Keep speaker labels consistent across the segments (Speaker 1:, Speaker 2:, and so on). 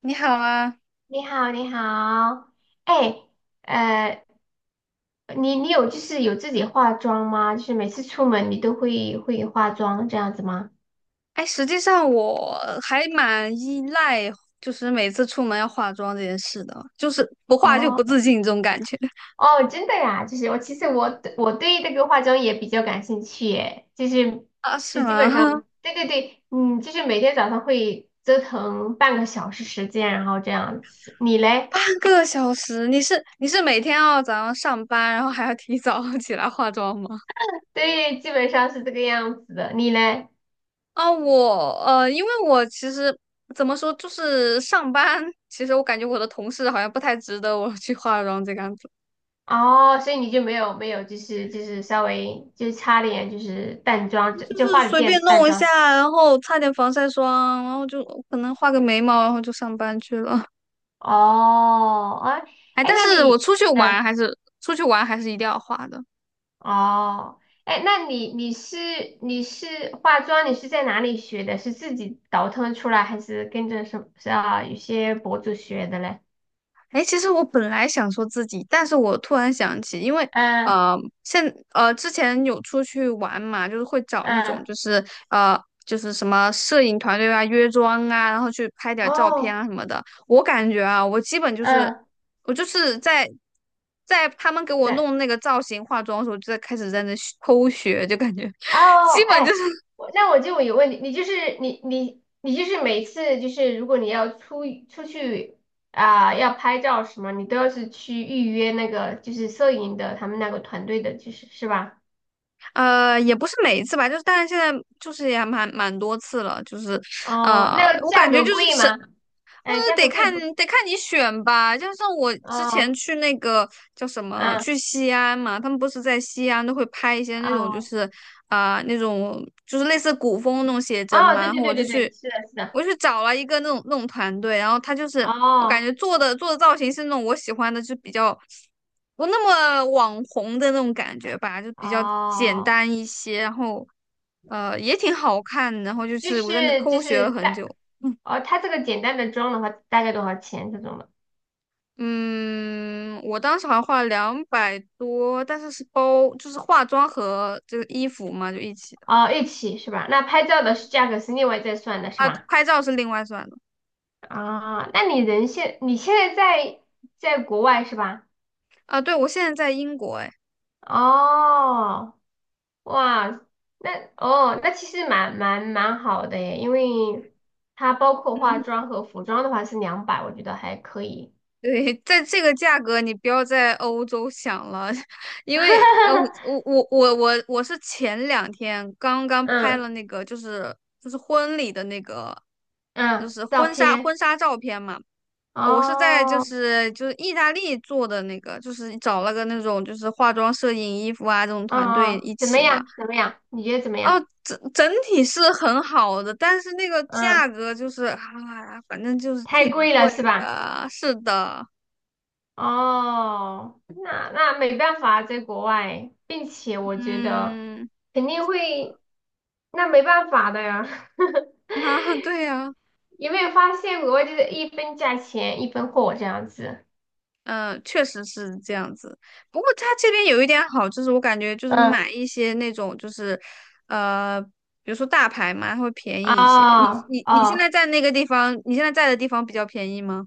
Speaker 1: 你好啊，
Speaker 2: 你好，你好，哎，呃，你你有就是有自己化妆吗？就是每次出门你都会化妆这样子吗？
Speaker 1: 哎，实际上我还蛮依赖，就是每次出门要化妆这件事的，就是不化就不
Speaker 2: 哦
Speaker 1: 自信这种感觉
Speaker 2: 哦，真的呀，就是我其实我对这个化妆也比较感兴趣耶，就是
Speaker 1: 啊，是
Speaker 2: 就基
Speaker 1: 吗？
Speaker 2: 本上 对对对，嗯，就是每天早上会折腾半个小时时间，然后这样子。你嘞？
Speaker 1: 半个小时，你是每天要早上上班，然后还要提早 起来化妆吗？
Speaker 2: 对，基本上是这个样子的。你嘞？
Speaker 1: 啊，我因为我其实怎么说，就是上班，其实我感觉我的同事好像不太值得我去化妆这个样子，
Speaker 2: 哦，所以你就没有没有，就是稍微就是擦点就是淡妆，就
Speaker 1: 就
Speaker 2: 就
Speaker 1: 是
Speaker 2: 化了
Speaker 1: 随便
Speaker 2: 点淡
Speaker 1: 弄一下，
Speaker 2: 妆。
Speaker 1: 然后擦点防晒霜，然后就可能画个眉毛，然后就上班去了。
Speaker 2: 哦，哎
Speaker 1: 哎，
Speaker 2: 哎，
Speaker 1: 但
Speaker 2: 那
Speaker 1: 是我
Speaker 2: 你嗯，
Speaker 1: 出去玩还是一定要化的。
Speaker 2: 哦，哎，那你是化妆，你是在哪里学的？是自己倒腾出来，还是跟着什么是啊？有些博主学的嘞？
Speaker 1: 哎，其实我本来想说自己，但是我突然想起，因为
Speaker 2: 嗯
Speaker 1: 呃，现之前有出去玩嘛，就是会找那种
Speaker 2: 嗯，
Speaker 1: 就是什么摄影团队啊、约妆啊，然后去拍点照片啊
Speaker 2: 哦，
Speaker 1: 什么的。我感觉啊，我基本就是
Speaker 2: 嗯，
Speaker 1: 我就是在他们给我
Speaker 2: 对，
Speaker 1: 弄那个造型、化妆的时候，就在开始在那学偷学，就感觉
Speaker 2: 哦，
Speaker 1: 基本
Speaker 2: 哎，
Speaker 1: 就是
Speaker 2: 我那我就有问题，你就是每次，就是如果你要出去啊、要拍照什么，你都要是去预约那个就是摄影的他们那个团队的，就是是吧？
Speaker 1: 也不是每一次吧，就是但是现在就是也蛮多次了，就是，
Speaker 2: 哦，那个
Speaker 1: 我感
Speaker 2: 价
Speaker 1: 觉
Speaker 2: 格
Speaker 1: 就
Speaker 2: 贵
Speaker 1: 是
Speaker 2: 吗？哎，价
Speaker 1: 得
Speaker 2: 格贵
Speaker 1: 看
Speaker 2: 不？
Speaker 1: 得看你选吧，就像我之前
Speaker 2: 哦，
Speaker 1: 去那个叫什么，
Speaker 2: 嗯，
Speaker 1: 去西安嘛，他们不是在西安都会拍一些那种就
Speaker 2: 哦，
Speaker 1: 是啊、那种就是类似古风那种写真
Speaker 2: 哦，
Speaker 1: 嘛，
Speaker 2: 对
Speaker 1: 然
Speaker 2: 对
Speaker 1: 后
Speaker 2: 对对对，是的，是的，
Speaker 1: 我去找了一个那种团队，然后他就是我感
Speaker 2: 哦
Speaker 1: 觉做的造型是那种我喜欢的，就比较不那么网红的那种感觉吧，就比较简
Speaker 2: 哦，
Speaker 1: 单一些，然后也挺好看，然后就
Speaker 2: 就
Speaker 1: 是
Speaker 2: 是
Speaker 1: 我在那
Speaker 2: 就
Speaker 1: 偷学
Speaker 2: 是
Speaker 1: 了很
Speaker 2: 大
Speaker 1: 久。
Speaker 2: 哦，它这个简单的妆的话大概多少钱这种的？
Speaker 1: 嗯，我当时好像花了两百多，但是是包，就是化妆和这个衣服嘛，就一起的
Speaker 2: 哦，一起是吧？那拍照的是价格是另外再算的是
Speaker 1: 啊。
Speaker 2: 吧？
Speaker 1: 拍照是另外算的
Speaker 2: 啊，那你人现你现在在在国外是吧？
Speaker 1: 啊。对，我现在在英国，哎，
Speaker 2: 哦，哇，那哦，那其实蛮好的耶，因为它包括化
Speaker 1: 嗯，
Speaker 2: 妆和服装的话是200，我觉得还可以。
Speaker 1: 对，在这个价格你不要在欧洲想了，因为我 我我我我是前两天刚刚拍了
Speaker 2: 嗯
Speaker 1: 那个，就是婚礼的那个，就
Speaker 2: 嗯，
Speaker 1: 是
Speaker 2: 照片
Speaker 1: 婚纱照片嘛。我是在就
Speaker 2: 哦，
Speaker 1: 是就是意大利做的那个，就是找了个那种就是化妆、摄影、衣服啊这种团
Speaker 2: 嗯
Speaker 1: 队
Speaker 2: 嗯，
Speaker 1: 一
Speaker 2: 怎么
Speaker 1: 起
Speaker 2: 样？
Speaker 1: 嘛。
Speaker 2: 怎么样？你觉得怎么样？
Speaker 1: 哦，整体是很好的，但是那个
Speaker 2: 嗯，
Speaker 1: 价格就是啊，反正就是
Speaker 2: 太
Speaker 1: 挺
Speaker 2: 贵了
Speaker 1: 贵
Speaker 2: 是吧？
Speaker 1: 的。是的，
Speaker 2: 哦，那那没办法啊，在国外，并且我觉得
Speaker 1: 嗯，
Speaker 2: 肯定会，那没办法的呀。
Speaker 1: 啊，对呀、
Speaker 2: 有没有发现国外就是一分价钱一分货这样子？
Speaker 1: 嗯，确实是这样子。不过它这边有一点好，就是我感觉就是
Speaker 2: 嗯，
Speaker 1: 买一些那种就是，呃，比如说大牌嘛，它会便宜一些。你
Speaker 2: 哦
Speaker 1: 你你现在
Speaker 2: 哦，
Speaker 1: 在那个地方，你现在在的地方比较便宜吗？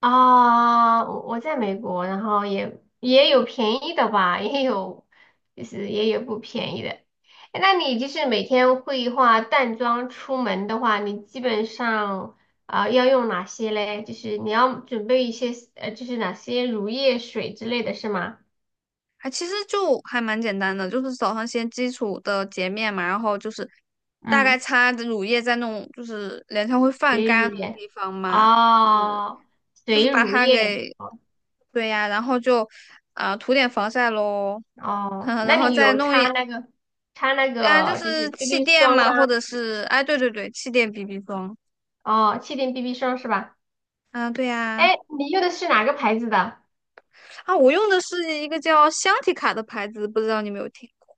Speaker 2: 啊，我在美国，然后也有便宜的吧，也有就是也有不便宜的。诶那你就是每天会化淡妆出门的话，你基本上啊、要用哪些嘞？就是你要准备一些就是哪些乳液水之类的是吗？
Speaker 1: 还其实就还蛮简单的，就是早上先基础的洁面嘛，然后就是大概
Speaker 2: 嗯，
Speaker 1: 擦着乳液在那种就是脸上会泛
Speaker 2: 水
Speaker 1: 干那
Speaker 2: 乳
Speaker 1: 种
Speaker 2: 液。
Speaker 1: 地方嘛，嗯，
Speaker 2: 哦，
Speaker 1: 就是
Speaker 2: 水
Speaker 1: 把
Speaker 2: 乳
Speaker 1: 它
Speaker 2: 液。
Speaker 1: 给，
Speaker 2: 哦，
Speaker 1: 对呀，然后就啊、涂点防晒喽。
Speaker 2: 哦
Speaker 1: 嗯，
Speaker 2: 那
Speaker 1: 然后
Speaker 2: 你
Speaker 1: 再
Speaker 2: 有
Speaker 1: 弄
Speaker 2: 擦
Speaker 1: 一
Speaker 2: 那个擦那
Speaker 1: 啊，就
Speaker 2: 个就是
Speaker 1: 是气
Speaker 2: BB
Speaker 1: 垫
Speaker 2: 霜
Speaker 1: 嘛，
Speaker 2: 吗？
Speaker 1: 或者是哎，对对对，气垫 BB 霜。
Speaker 2: 哦，气垫 BB 霜是吧？
Speaker 1: 啊，对呀，
Speaker 2: 哎，你用的是哪个牌子的
Speaker 1: 啊，我用的是一个叫香缇卡的牌子，不知道你有没有听过？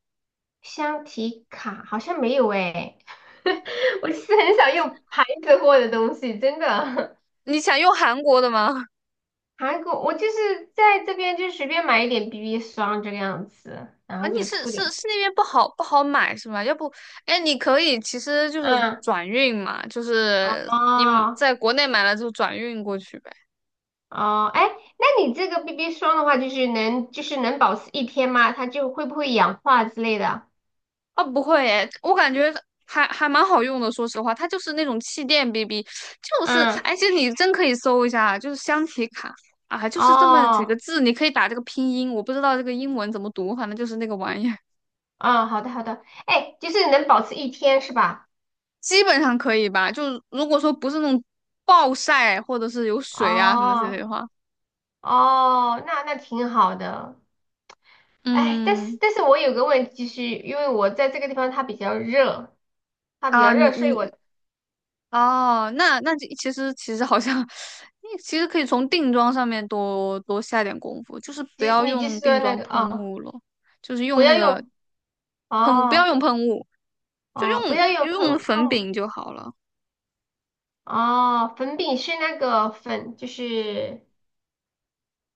Speaker 2: 香缇卡？好像没有哎，我是很少用牌子货的东西，真的。
Speaker 1: 你想用韩国的吗？
Speaker 2: 韩国，我就是在这边就随便买一点 BB 霜这个样子，然
Speaker 1: 啊，
Speaker 2: 后
Speaker 1: 你
Speaker 2: 就
Speaker 1: 是
Speaker 2: 涂
Speaker 1: 是
Speaker 2: 点。
Speaker 1: 是那边不好买是吗？要不，哎，你可以其实就是
Speaker 2: 嗯，
Speaker 1: 转运嘛，就是你
Speaker 2: 哦
Speaker 1: 在国内买了就转运过去呗。
Speaker 2: 哦，哎，那你这个 BB 霜的话，就是能就是能保持一天吗？它就会不会氧化之类的？
Speaker 1: 啊，不会诶，我感觉还蛮好用的。说实话，它就是那种气垫 BB，就是
Speaker 2: 嗯，
Speaker 1: 而且你真可以搜一下，就是香缇卡啊，就是这么几个
Speaker 2: 哦，
Speaker 1: 字，你可以打这个拼音，我不知道这个英文怎么读，反正就是那个玩意儿，
Speaker 2: 哦，好的好的，哎，就是能保持一天是吧？
Speaker 1: 基本上可以吧。就如果说不是那种暴晒或者是有水啊什么之类
Speaker 2: 哦。
Speaker 1: 的话，
Speaker 2: 哦，那那挺好的。哎，但是
Speaker 1: 嗯
Speaker 2: 但是我有个问题，就是因为我在这个地方它比较热，它比
Speaker 1: 啊，
Speaker 2: 较
Speaker 1: 你
Speaker 2: 热，所以我
Speaker 1: 你哦，那其实好像，你其实可以从定妆上面多多下点功夫，就是不
Speaker 2: 即
Speaker 1: 要
Speaker 2: 你就
Speaker 1: 用
Speaker 2: 是
Speaker 1: 定
Speaker 2: 说那
Speaker 1: 妆
Speaker 2: 个
Speaker 1: 喷
Speaker 2: 哦，
Speaker 1: 雾了，就是
Speaker 2: 不
Speaker 1: 用那
Speaker 2: 要
Speaker 1: 个
Speaker 2: 用
Speaker 1: 喷，不要
Speaker 2: 哦
Speaker 1: 用喷雾，就用
Speaker 2: 哦，不要用
Speaker 1: 就用
Speaker 2: 喷
Speaker 1: 粉
Speaker 2: 喷
Speaker 1: 饼就好了。
Speaker 2: 哦，粉饼是那个粉，就是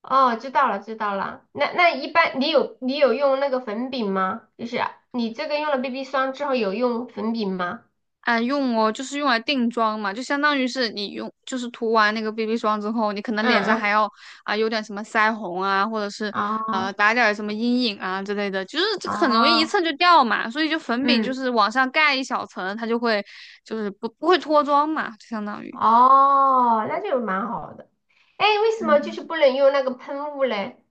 Speaker 2: 哦，知道了知道了。那那一般你有用那个粉饼吗？就是啊你这个用了 BB 霜之后有用粉饼吗？
Speaker 1: 啊，用哦，就是用来定妆嘛，就相当于是你用，就是涂完那个 BB 霜之后，你可能脸上
Speaker 2: 嗯
Speaker 1: 还要啊有点什么腮红啊，或者是
Speaker 2: 嗯，
Speaker 1: 打点儿什么阴影啊之类的，就是这
Speaker 2: 哦
Speaker 1: 个很容易一
Speaker 2: 哦，
Speaker 1: 蹭就掉嘛，所以就粉饼就
Speaker 2: 嗯。
Speaker 1: 是往上盖一小层，它就会就是不会脱妆嘛，就相当于。
Speaker 2: 哦，那就蛮好的。哎，为什么就
Speaker 1: 嗯，
Speaker 2: 是不能用那个喷雾嘞？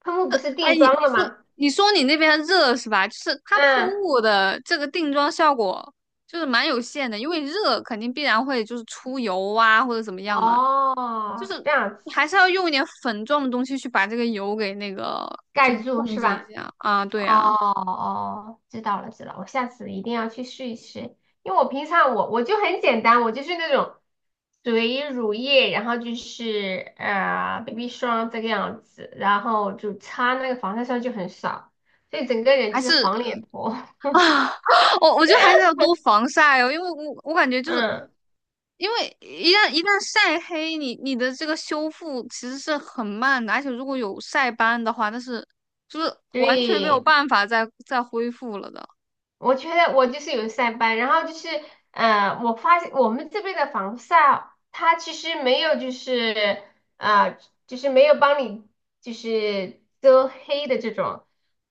Speaker 2: 喷雾不是
Speaker 1: 哎，
Speaker 2: 定
Speaker 1: 你
Speaker 2: 妆
Speaker 1: 你
Speaker 2: 的
Speaker 1: 说
Speaker 2: 吗？
Speaker 1: 你说你那边热是吧？就是它喷
Speaker 2: 嗯，
Speaker 1: 雾的这个定妆效果就是蛮有限的，因为热肯定必然会就是出油啊或者怎么样嘛。就
Speaker 2: 哦，
Speaker 1: 是
Speaker 2: 这样
Speaker 1: 你
Speaker 2: 子
Speaker 1: 还是要用一点粉状的东西去把这个油给那个，就是
Speaker 2: 盖住
Speaker 1: 控
Speaker 2: 是
Speaker 1: 制
Speaker 2: 吧？
Speaker 1: 一下啊。
Speaker 2: 哦
Speaker 1: 对啊，
Speaker 2: 哦，知道了知道了，我下次一定要去试一试，因为我平常我就很简单，我就是那种水乳液，然后就是BB 霜这个样子，然后就擦那个防晒霜就很少，所以整个人
Speaker 1: 还
Speaker 2: 就是
Speaker 1: 是
Speaker 2: 黄脸婆。
Speaker 1: 啊，我觉得还是要多防晒哦，因为我感觉就是
Speaker 2: 嗯，
Speaker 1: 因为一旦晒黑，你的这个修复其实是很慢的，而且如果有晒斑的话，那是就是完全没
Speaker 2: 对。
Speaker 1: 有办法再恢复了的。
Speaker 2: 我觉得我就是有晒斑，然后就是，我发现我们这边的防晒，它其实没有就是，呃，就是没有帮你就是遮黑的这种，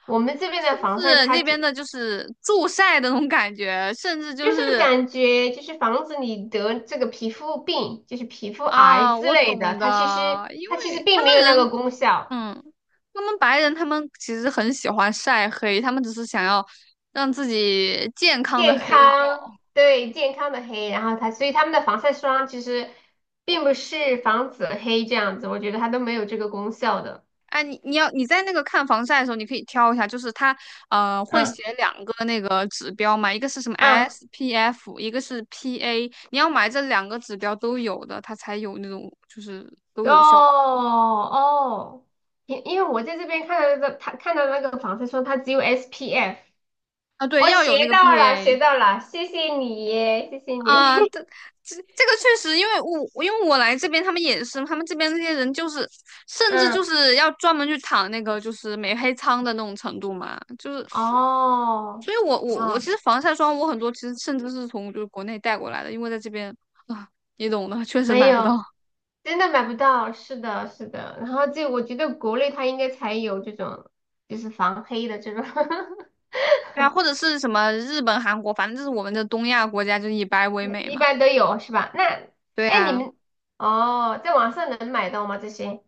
Speaker 2: 我们这边
Speaker 1: 是
Speaker 2: 的
Speaker 1: 不
Speaker 2: 防晒
Speaker 1: 是
Speaker 2: 它
Speaker 1: 那
Speaker 2: 就
Speaker 1: 边的就是助晒的那种感觉，甚至就
Speaker 2: 就是
Speaker 1: 是
Speaker 2: 感觉就是防止你得这个皮肤病，就是皮肤癌
Speaker 1: 啊，
Speaker 2: 之
Speaker 1: 我
Speaker 2: 类的，
Speaker 1: 懂
Speaker 2: 它其实
Speaker 1: 的，因
Speaker 2: 它其实
Speaker 1: 为
Speaker 2: 并没有那个功效。
Speaker 1: 嗯，他们白人他们其实很喜欢晒黑，他们只是想要让自己健康的
Speaker 2: 健
Speaker 1: 黑掉。
Speaker 2: 康，对，健康的黑，然后它，所以他们的防晒霜其实并不是防止黑这样子，我觉得它都没有这个功效的。
Speaker 1: 哎，你在那个看防晒的时候，你可以挑一下，就是它会
Speaker 2: 嗯
Speaker 1: 写两个那个指标嘛，一个是什么
Speaker 2: 嗯，
Speaker 1: SPF，一个是 PA，你要买这两个指标都有的，它才有那种就是都
Speaker 2: 哦
Speaker 1: 有效果
Speaker 2: 哦，因为我在这边看到的，他看到那个防晒霜，它只有 SPF，
Speaker 1: 啊。对，
Speaker 2: 我
Speaker 1: 要
Speaker 2: 学
Speaker 1: 有那个
Speaker 2: 到了，学
Speaker 1: PA。
Speaker 2: 到了，谢谢你，谢谢你。
Speaker 1: 啊，这个确实，因为我来这边，他们也是，他们这边那些人就是，甚至就
Speaker 2: 嗯，
Speaker 1: 是要专门去躺那个就是美黑仓的那种程度嘛，就是，
Speaker 2: 哦，
Speaker 1: 所以我我
Speaker 2: 啊，
Speaker 1: 我其实防晒霜我很多其实甚至是从就是国内带过来的，因为在这边啊，你懂的，确实
Speaker 2: 没
Speaker 1: 买不到。
Speaker 2: 有。真的买不到，是的，是的。然后这我觉得国内它应该才有这种，就是防黑的这种，
Speaker 1: 对啊，或者 是什么日本、韩国，反正就是我们的东亚国家就是以白为美
Speaker 2: 一
Speaker 1: 嘛。
Speaker 2: 般都有是吧？那，
Speaker 1: 对
Speaker 2: 哎，你
Speaker 1: 啊。
Speaker 2: 们哦，在网上能买到吗？这些？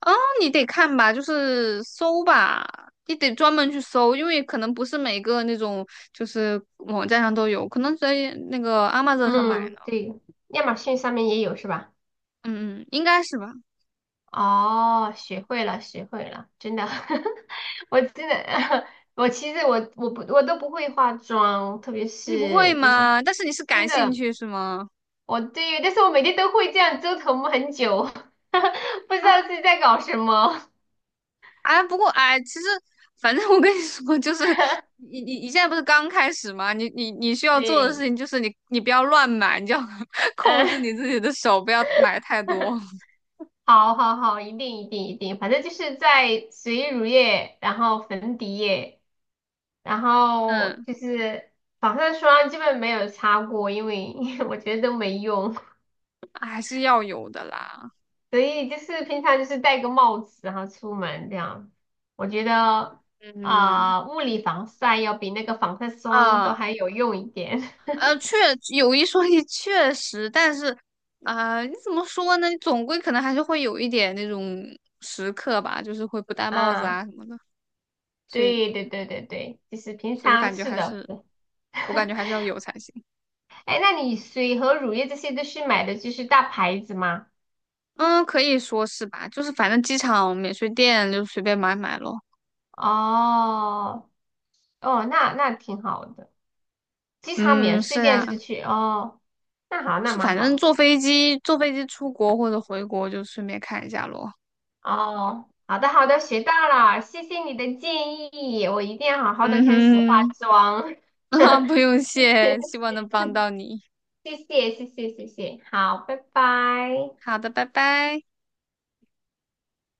Speaker 1: 哦，你得看吧，就是搜吧，你得专门去搜，因为可能不是每个那种就是网站上都有，可能在那个 Amazon 上买的
Speaker 2: 嗯，
Speaker 1: 嗯
Speaker 2: 对，亚马逊上面也有是吧？
Speaker 1: 嗯，应该是吧？
Speaker 2: 哦，学会了，学会了，真的，我真的，我其实我都不会化妆，特别
Speaker 1: 你不会
Speaker 2: 是就是
Speaker 1: 吗？但是你是
Speaker 2: 真
Speaker 1: 感兴
Speaker 2: 的。
Speaker 1: 趣是吗？
Speaker 2: 我对，但是我每天都会这样折腾很久，不知
Speaker 1: 啊，
Speaker 2: 道自己在搞什么。
Speaker 1: 哎，不过哎，其实反正我跟你说，就是你现在不是刚开始吗？你需要做的事
Speaker 2: 对，
Speaker 1: 情就是你不要乱买，你就要 控
Speaker 2: 嗯，
Speaker 1: 制你自己的手，不要买太多。
Speaker 2: 好好好，一定一定一定，反正就是在水乳液，然后粉底液，然后
Speaker 1: 嗯，
Speaker 2: 就是防晒霜基本没有擦过，因为 我觉得都没用，
Speaker 1: 还是要有的啦。
Speaker 2: 所以就是平常就是戴个帽子，然后出门这样。我觉得
Speaker 1: 嗯
Speaker 2: 啊、物理防晒要比那个防晒霜都
Speaker 1: 啊。
Speaker 2: 还有用一点
Speaker 1: 确有一说一，确实，但是啊、你怎么说呢？你总归可能还是会有一点那种时刻吧，就是会不戴 帽子
Speaker 2: 啊。
Speaker 1: 啊什么的，所以，
Speaker 2: 对对对对对，就是平
Speaker 1: 所以我
Speaker 2: 常
Speaker 1: 感觉
Speaker 2: 是
Speaker 1: 还
Speaker 2: 的。
Speaker 1: 是，要有才行。
Speaker 2: 哎，那你水和乳液这些都是买的就是大牌子吗？
Speaker 1: 嗯，可以说是吧，就是反正机场免税店就随便买买咯。
Speaker 2: 哦哦，那那挺好的，机场免
Speaker 1: 嗯，
Speaker 2: 税
Speaker 1: 是
Speaker 2: 店
Speaker 1: 呀，
Speaker 2: 是去哦，那好，那
Speaker 1: 是
Speaker 2: 蛮
Speaker 1: 反正
Speaker 2: 好。
Speaker 1: 坐飞机出国或者回国就顺便看一下咯。
Speaker 2: 哦，好的好的，学到了，谢谢你的建议，我一定要好好的开始化
Speaker 1: 嗯哼，
Speaker 2: 妆。
Speaker 1: 啊，不用谢，希望能帮到你。
Speaker 2: 谢谢谢谢谢谢，好，拜拜。
Speaker 1: 好的，拜拜。